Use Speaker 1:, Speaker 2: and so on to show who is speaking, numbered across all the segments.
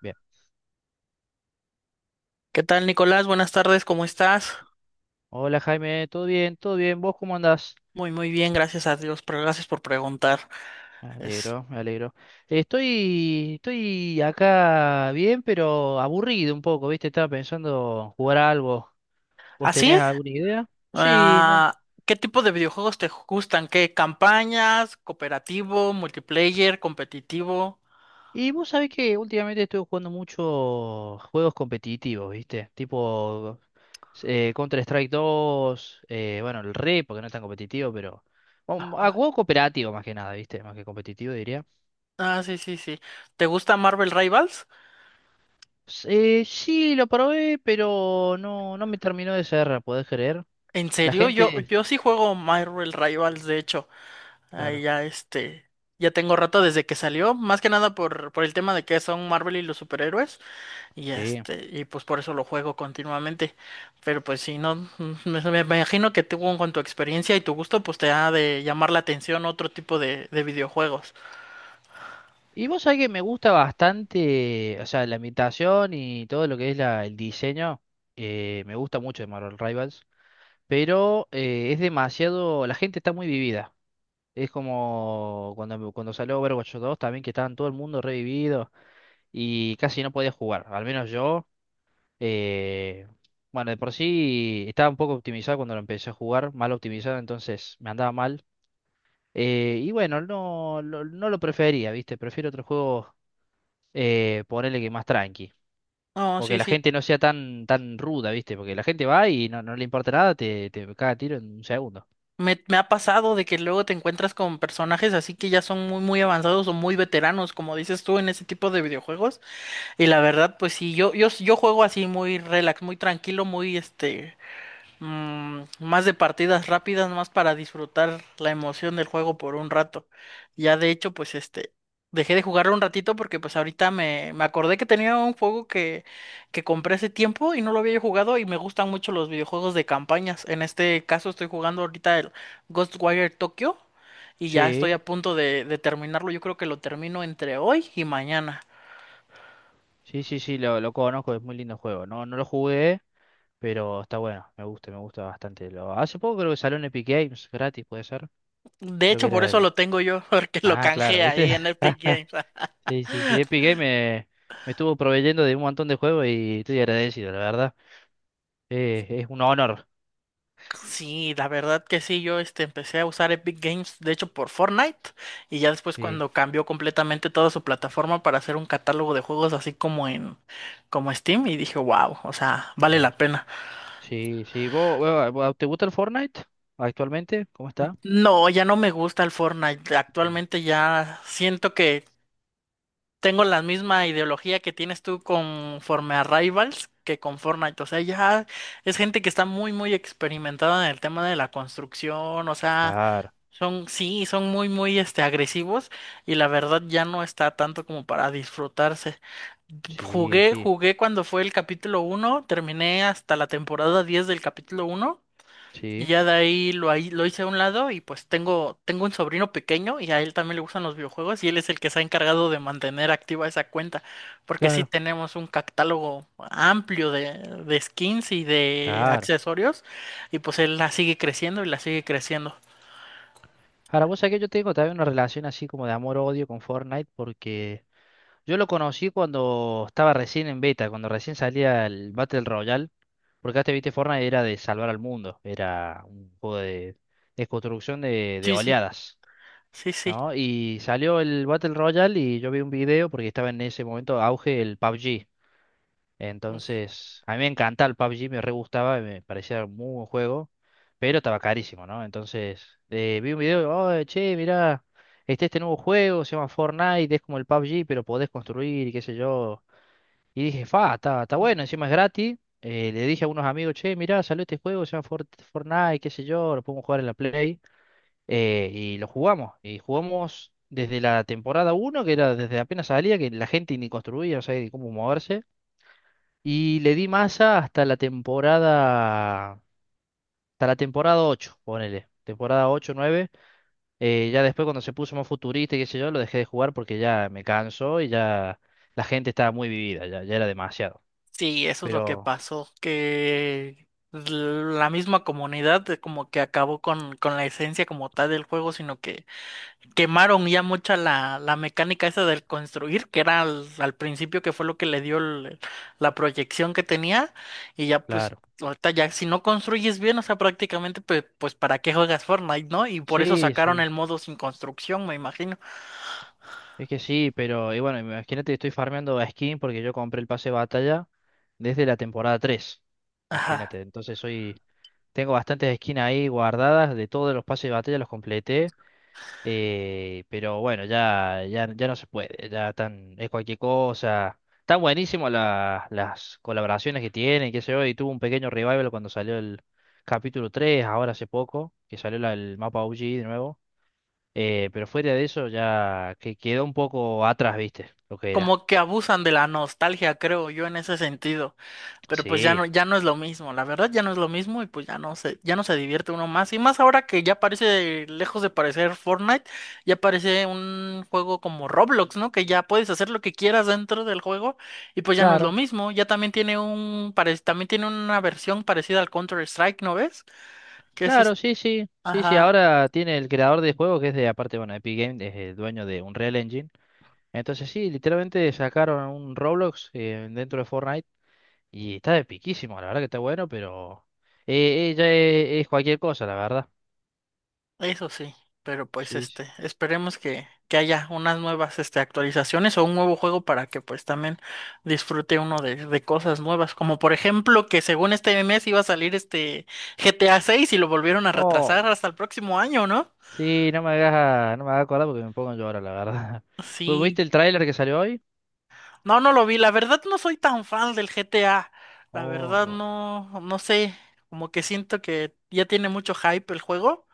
Speaker 1: Bien.
Speaker 2: ¿Qué tal, Nicolás? Buenas tardes, ¿cómo estás?
Speaker 1: Hola Jaime, ¿todo bien? ¿Todo bien? ¿Vos cómo andás?
Speaker 2: Muy, muy bien, gracias a Dios, pero gracias por preguntar.
Speaker 1: Me
Speaker 2: Es...
Speaker 1: alegro, me alegro. Estoy acá bien, pero aburrido un poco, ¿viste? Estaba pensando jugar a algo. ¿Vos
Speaker 2: ¿Así?
Speaker 1: tenés alguna idea? Sí, no.
Speaker 2: Ah, ¿Qué tipo de videojuegos te gustan? ¿Qué campañas? ¿Cooperativo? ¿Multiplayer? ¿Competitivo?
Speaker 1: Y vos sabés que últimamente estoy jugando mucho juegos competitivos, ¿viste? Tipo Counter-Strike 2, bueno, el RE, porque no es tan competitivo, pero... a juego cooperativo más que nada, ¿viste? Más que competitivo, diría.
Speaker 2: Ah, sí, sí, sí. ¿Te gusta Marvel Rivals?
Speaker 1: Sí, lo probé, pero no, no me terminó de cerrar, ¿podés creer?
Speaker 2: ¿En
Speaker 1: La
Speaker 2: serio? Yo,
Speaker 1: gente,
Speaker 2: yo sí juego Marvel Rivals, de hecho. Ahí
Speaker 1: claro,
Speaker 2: ya este, ya tengo rato desde que salió, más que nada por el tema de que son Marvel y los superhéroes. Y
Speaker 1: sí.
Speaker 2: este, y pues por eso lo juego continuamente. Pero pues si no, me imagino que tú con tu experiencia y tu gusto, pues te ha de llamar la atención otro tipo de videojuegos.
Speaker 1: Y vos sabés que me gusta bastante, o sea, la ambientación y todo lo que es la, el diseño, me gusta mucho de Marvel Rivals, pero es demasiado, la gente está muy vivida. Es como cuando salió Overwatch 2 también, que estaban todo el mundo revivido y casi no podía jugar, al menos yo. Eh, bueno, de por sí estaba un poco optimizado cuando lo empecé a jugar, mal optimizado, entonces me andaba mal. Y bueno, no, no lo prefería, ¿viste? Prefiero otro juego, ponerle que más tranqui.
Speaker 2: No,
Speaker 1: O que
Speaker 2: sí,
Speaker 1: la
Speaker 2: sí.
Speaker 1: gente no sea tan, tan ruda, ¿viste? Porque la gente va y no le importa nada, te caga a tiro en un segundo.
Speaker 2: Me ha pasado de que luego te encuentras con personajes así que ya son muy, muy avanzados o muy veteranos, como dices tú, en ese tipo de videojuegos. Y la verdad, pues sí, yo juego así muy relax, muy tranquilo, muy este. Más de partidas rápidas, más para disfrutar la emoción del juego por un rato. Ya de hecho, pues este, dejé de jugarlo un ratito porque pues ahorita me acordé que tenía un juego que compré hace tiempo y no lo había jugado y me gustan mucho los videojuegos de campañas. En este caso estoy jugando ahorita el Ghostwire Tokyo y ya estoy
Speaker 1: Sí,
Speaker 2: a punto de terminarlo. Yo creo que lo termino entre hoy y mañana.
Speaker 1: sí, sí, sí, lo conozco, es muy lindo juego. No, no lo jugué, pero está bueno, me gusta bastante. Hace poco creo que salió en Epic Games, gratis, puede ser.
Speaker 2: De
Speaker 1: Creo que
Speaker 2: hecho, por
Speaker 1: era
Speaker 2: eso
Speaker 1: el...
Speaker 2: lo tengo yo, porque lo
Speaker 1: Ah, claro,
Speaker 2: canjeé
Speaker 1: ¿viste?
Speaker 2: ahí en Epic Games.
Speaker 1: Sí, sí, sí. Epic Games me estuvo proveyendo de un montón de juegos y estoy agradecido, la verdad. Es un honor.
Speaker 2: Sí, la verdad que sí, yo este empecé a usar Epic Games, de hecho por Fortnite, y ya después
Speaker 1: Sí,
Speaker 2: cuando cambió completamente toda su plataforma para hacer un catálogo de juegos así como en como Steam y dije: "Wow, o sea, vale
Speaker 1: claro.
Speaker 2: la pena."
Speaker 1: Sí, sí. ¿Vos te gusta el Fortnite actualmente? ¿Cómo está?
Speaker 2: No, ya no me gusta el Fortnite.
Speaker 1: Mm.
Speaker 2: Actualmente ya siento que tengo la misma ideología que tienes tú conforme a Rivals que con Fortnite, o sea, ya es gente que está muy muy experimentada en el tema de la construcción, o sea,
Speaker 1: Claro.
Speaker 2: son, sí, son muy, muy, este, agresivos y la verdad ya no está tanto como para disfrutarse.
Speaker 1: Sí,
Speaker 2: Jugué,
Speaker 1: sí,
Speaker 2: jugué cuando fue el capítulo uno, terminé hasta la temporada 10 del capítulo uno y
Speaker 1: sí.
Speaker 2: ya de ahí lo hice a un lado y pues tengo un sobrino pequeño y a él también le gustan los videojuegos y él es el que se ha encargado de mantener activa esa cuenta porque sí
Speaker 1: Claro,
Speaker 2: tenemos un catálogo amplio de skins y de
Speaker 1: claro.
Speaker 2: accesorios y pues él la sigue creciendo y la sigue creciendo.
Speaker 1: Ahora, vos sabés que yo tengo también una relación así como de amor-odio con Fortnite porque yo lo conocí cuando estaba recién en beta, cuando recién salía el Battle Royale. Porque antes, viste, Fortnite era de salvar al mundo, era un juego de construcción de
Speaker 2: Sí, sí.
Speaker 1: oleadas,
Speaker 2: Sí, sí.
Speaker 1: ¿no? Y salió el Battle Royale y yo vi un video porque estaba en ese momento auge el PUBG. Entonces, a mí me encanta el PUBG, me re gustaba, me parecía un muy buen juego, pero estaba carísimo, ¿no? Entonces, vi un video, oh, che, mirá, este nuevo juego, se llama Fortnite, es como el PUBG, pero podés construir y qué sé yo. Y dije, fa, está
Speaker 2: Ujú.
Speaker 1: bueno, encima es gratis. Le dije a unos amigos, che, mirá, salió este juego, se llama Fortnite, qué sé yo, lo podemos jugar en la Play. Y lo jugamos. Y jugamos desde la temporada uno que era desde apenas salía, que la gente ni construía, no sabía ni cómo moverse. Y le di masa hasta la temporada 8 ponele. Temporada 8 nueve. Ya después cuando se puso más futurista y qué sé yo, lo dejé de jugar porque ya me cansó y ya la gente estaba muy vivida, ya era demasiado.
Speaker 2: Sí, eso es lo que
Speaker 1: Pero...
Speaker 2: pasó, que la misma comunidad de como que acabó con la esencia como tal del juego, sino que quemaron ya mucha la, la mecánica esa del construir, que era al principio que fue lo que le dio el- la proyección que tenía, y ya pues
Speaker 1: Claro.
Speaker 2: ahorita ya si no construyes bien, o sea, prácticamente pues, pues para qué juegas Fortnite, ¿no? Y por eso
Speaker 1: Sí,
Speaker 2: sacaron
Speaker 1: sí,
Speaker 2: el modo sin construcción, me imagino.
Speaker 1: es que sí, pero y bueno, imagínate, estoy farmeando a skin porque yo compré el pase de batalla desde la temporada 3. Imagínate,
Speaker 2: Ajá.
Speaker 1: entonces tengo bastantes skins ahí guardadas de todos los pases de batalla, los completé, pero bueno, ya no se puede, ya tan, es cualquier cosa. Están buenísimas las colaboraciones que tienen, qué sé yo, y tuvo un pequeño revival cuando salió el capítulo 3, ahora hace poco, que salió el mapa OG de nuevo. Pero fuera de eso ya que quedó un poco atrás, ¿viste? Lo que era.
Speaker 2: Como que abusan de la nostalgia, creo yo, en ese sentido. Pero pues ya
Speaker 1: Sí,
Speaker 2: no, ya no es lo mismo, la verdad ya no es lo mismo y pues ya no se divierte uno más. Y más ahora que ya parece, lejos de parecer Fortnite, ya parece un juego como Roblox, ¿no? Que ya puedes hacer lo que quieras dentro del juego y pues ya no es lo
Speaker 1: claro,
Speaker 2: mismo. Ya también tiene un, pare- también tiene una versión parecida al Counter-Strike, ¿no ves? Que es
Speaker 1: claro,
Speaker 2: este,
Speaker 1: sí, sí, sí, sí.
Speaker 2: ajá.
Speaker 1: Ahora tiene el creador de juego que es de, aparte, bueno, Epic Games, es el dueño de Unreal Engine. Entonces sí, literalmente sacaron un Roblox dentro de Fortnite y está de piquísimo, la verdad que está bueno, pero ya es cualquier cosa, la verdad.
Speaker 2: Eso sí, pero pues
Speaker 1: Sí, sí.
Speaker 2: este, esperemos que haya unas nuevas este, actualizaciones o un nuevo juego para que pues también disfrute uno de cosas nuevas, como por ejemplo que según este mes iba a salir este GTA 6 y lo volvieron a retrasar
Speaker 1: Oh,
Speaker 2: hasta el próximo año, ¿no?
Speaker 1: sí, no me hagas acordar porque me pongo a llorar, la verdad. ¿Vos
Speaker 2: Sí,
Speaker 1: ¿Viste el tráiler que salió hoy?
Speaker 2: no, no lo vi. La verdad no soy tan fan del GTA. La
Speaker 1: Oh,
Speaker 2: verdad
Speaker 1: bueno,
Speaker 2: no, no sé. Como que siento que ya tiene mucho hype el juego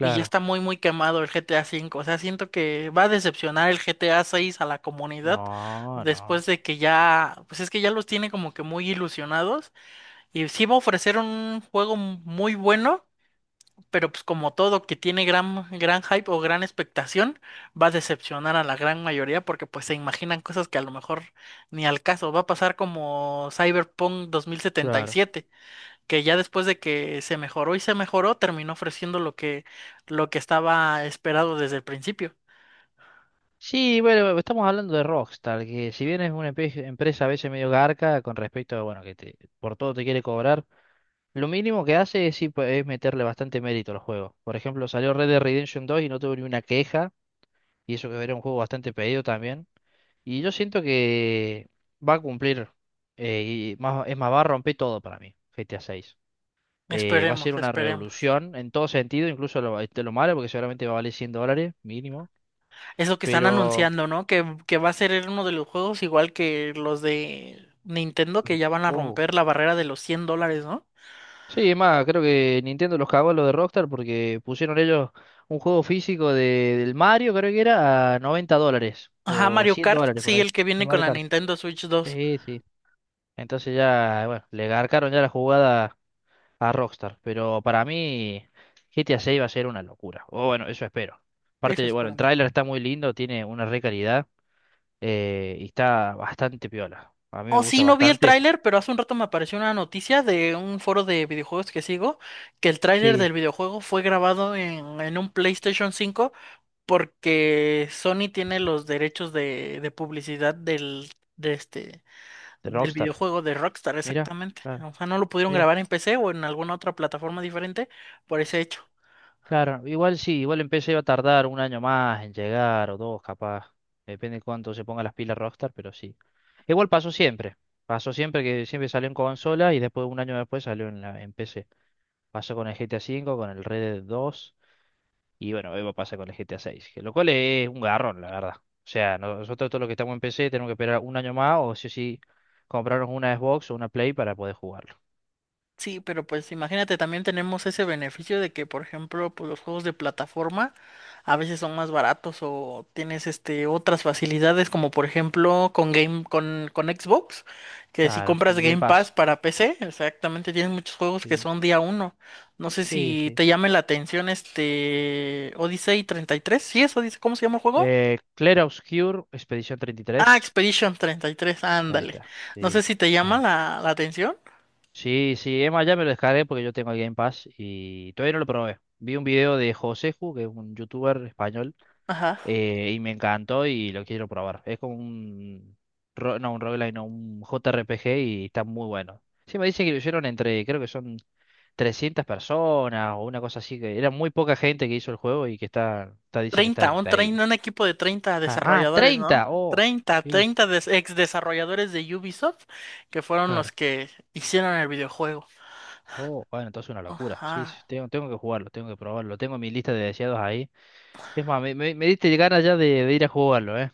Speaker 2: y ya está muy, muy quemado el GTA 5 V. O sea, siento que va a decepcionar el GTA 6 a seis a la comunidad
Speaker 1: No, no,
Speaker 2: después de que ya, pues es que ya los tiene como que muy ilusionados y sí va a ofrecer un juego muy bueno, pero pues como todo que tiene gran, gran hype o gran expectación, va a decepcionar a la gran mayoría porque pues se imaginan cosas que a lo mejor ni al caso. Va a pasar como Cyberpunk
Speaker 1: claro.
Speaker 2: 2077, que ya después de que se mejoró y se mejoró, terminó ofreciendo lo que estaba esperado desde el principio.
Speaker 1: Sí, bueno, estamos hablando de Rockstar, que si bien es una empresa a veces medio garca con respecto a, bueno, que te, por todo te quiere cobrar, lo mínimo que hace es, sí, pues, es meterle bastante mérito al juego. Por ejemplo, salió Red Dead Redemption 2 y no tuve ni una queja, y eso que era un juego bastante pedido también. Y yo siento que va a cumplir, eh, y más, es más, va a romper todo para mí, GTA 6. Va a ser
Speaker 2: Esperemos,
Speaker 1: una
Speaker 2: esperemos.
Speaker 1: revolución en todo sentido, incluso lo, este, lo malo, porque seguramente va a valer 100 dólares mínimo.
Speaker 2: Eso que están
Speaker 1: Pero.
Speaker 2: anunciando, ¿no? Que va a ser uno de los juegos igual que los de Nintendo, que ya van a
Speaker 1: Oh.
Speaker 2: romper la barrera de los 100 dólares, ¿no?
Speaker 1: Sí, es más, creo que Nintendo los cagó a lo de Rockstar porque pusieron ellos un juego físico del Mario, creo que era, a $90
Speaker 2: Ajá,
Speaker 1: o
Speaker 2: Mario
Speaker 1: 100
Speaker 2: Kart,
Speaker 1: dólares por
Speaker 2: sí,
Speaker 1: ahí.
Speaker 2: el que
Speaker 1: De
Speaker 2: viene con
Speaker 1: Mario
Speaker 2: la
Speaker 1: Kart.
Speaker 2: Nintendo Switch 2.
Speaker 1: Sí, sí. Entonces ya, bueno, le garcaron ya la jugada a Rockstar. Pero para mí, GTA 6 va a ser una locura. O bueno, eso espero.
Speaker 2: Ese
Speaker 1: Aparte,
Speaker 2: es
Speaker 1: bueno,
Speaker 2: para
Speaker 1: el
Speaker 2: mí.
Speaker 1: tráiler está muy lindo, tiene una re calidad y está bastante piola. A mí me
Speaker 2: Oh, sí,
Speaker 1: gusta
Speaker 2: no vi el
Speaker 1: bastante.
Speaker 2: tráiler, pero hace un rato me apareció una noticia de un foro de videojuegos que sigo, que el tráiler
Speaker 1: Sí,
Speaker 2: del videojuego fue grabado en un PlayStation 5 porque Sony tiene los derechos de publicidad del, de este,
Speaker 1: de
Speaker 2: del
Speaker 1: Rockstar.
Speaker 2: videojuego de Rockstar,
Speaker 1: Mira,
Speaker 2: exactamente.
Speaker 1: claro,
Speaker 2: O sea, no lo pudieron
Speaker 1: mira.
Speaker 2: grabar en PC o en alguna otra plataforma diferente por ese hecho.
Speaker 1: Claro, igual sí, igual el PC iba a tardar un año más en llegar o dos, capaz. Depende de cuánto se ponga las pilas Rockstar, pero sí. Igual pasó siempre. Pasó siempre que siempre salió en consola y después un año después salió en PC. Pasó con el GTA V, con el Red Dead 2 y bueno, hoy va a pasar con el GTA 6, que lo cual es un garrón, la verdad. O sea, nosotros todos los que estamos en PC tenemos que esperar un año más o sí comprarnos una Xbox o una Play para poder jugarlo.
Speaker 2: Sí, pero pues imagínate, también tenemos ese beneficio de que, por ejemplo, pues los juegos de plataforma a veces son más baratos o tienes este otras facilidades como por ejemplo con Game con Xbox, que si
Speaker 1: Claro,
Speaker 2: compras
Speaker 1: un Game
Speaker 2: Game Pass
Speaker 1: Pass.
Speaker 2: para PC, exactamente tienes muchos juegos que
Speaker 1: Sí,
Speaker 2: son día uno. No sé
Speaker 1: sí,
Speaker 2: si
Speaker 1: sí.
Speaker 2: te llame la atención este Odyssey 33. ¿Sí es Odyssey? ¿Cómo se llama el juego?
Speaker 1: Clair Obscur, Expedición
Speaker 2: Ah,
Speaker 1: 33.
Speaker 2: Expedition 33.
Speaker 1: Ahí
Speaker 2: Ándale.
Speaker 1: está,
Speaker 2: No sé
Speaker 1: sí.
Speaker 2: si te llama
Speaker 1: Eh,
Speaker 2: la, la atención.
Speaker 1: Sí, sí, Emma ya me lo descargué porque yo tengo el Game Pass y todavía no lo probé. Vi un video de Joseju, que es un youtuber español,
Speaker 2: Ajá.
Speaker 1: y me encantó y lo quiero probar. Es como un... No, un roguelike, no, un JRPG y está muy bueno. Sí, me dice que lo hicieron entre, creo que son 300 personas o una cosa así, que era muy poca gente que hizo el juego y que está dice que está
Speaker 2: 30, un, trein-
Speaker 1: increíble.
Speaker 2: un equipo de treinta
Speaker 1: Ah, ah,
Speaker 2: desarrolladores, ¿no?
Speaker 1: 30, oh,
Speaker 2: 30,
Speaker 1: sí,
Speaker 2: 30 des- ex desarrolladores de Ubisoft que fueron los
Speaker 1: claro.
Speaker 2: que hicieron el videojuego.
Speaker 1: Oh, bueno, entonces una locura. Sí, sí,
Speaker 2: Ajá,
Speaker 1: tengo que jugarlo, tengo que probarlo. Tengo mi lista de deseados ahí. Es más, me diste ganas ya de ir a jugarlo, ¿eh?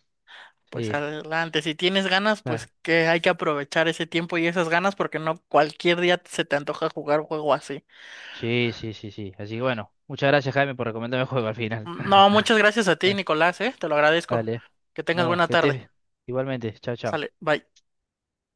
Speaker 2: pues
Speaker 1: Sí,
Speaker 2: adelante, si tienes ganas, pues
Speaker 1: ah,
Speaker 2: que hay que aprovechar ese tiempo y esas ganas porque no cualquier día se te antoja jugar un juego así.
Speaker 1: sí, sí, sí, sí. Así que bueno, muchas gracias, Jaime, por recomendarme el juego al final.
Speaker 2: No, muchas gracias a ti, Nicolás, ¿eh? Te lo agradezco.
Speaker 1: Dale.
Speaker 2: Que tengas
Speaker 1: No,
Speaker 2: buena
Speaker 1: que
Speaker 2: tarde.
Speaker 1: estés igualmente. Chao, chao.
Speaker 2: Sale, bye.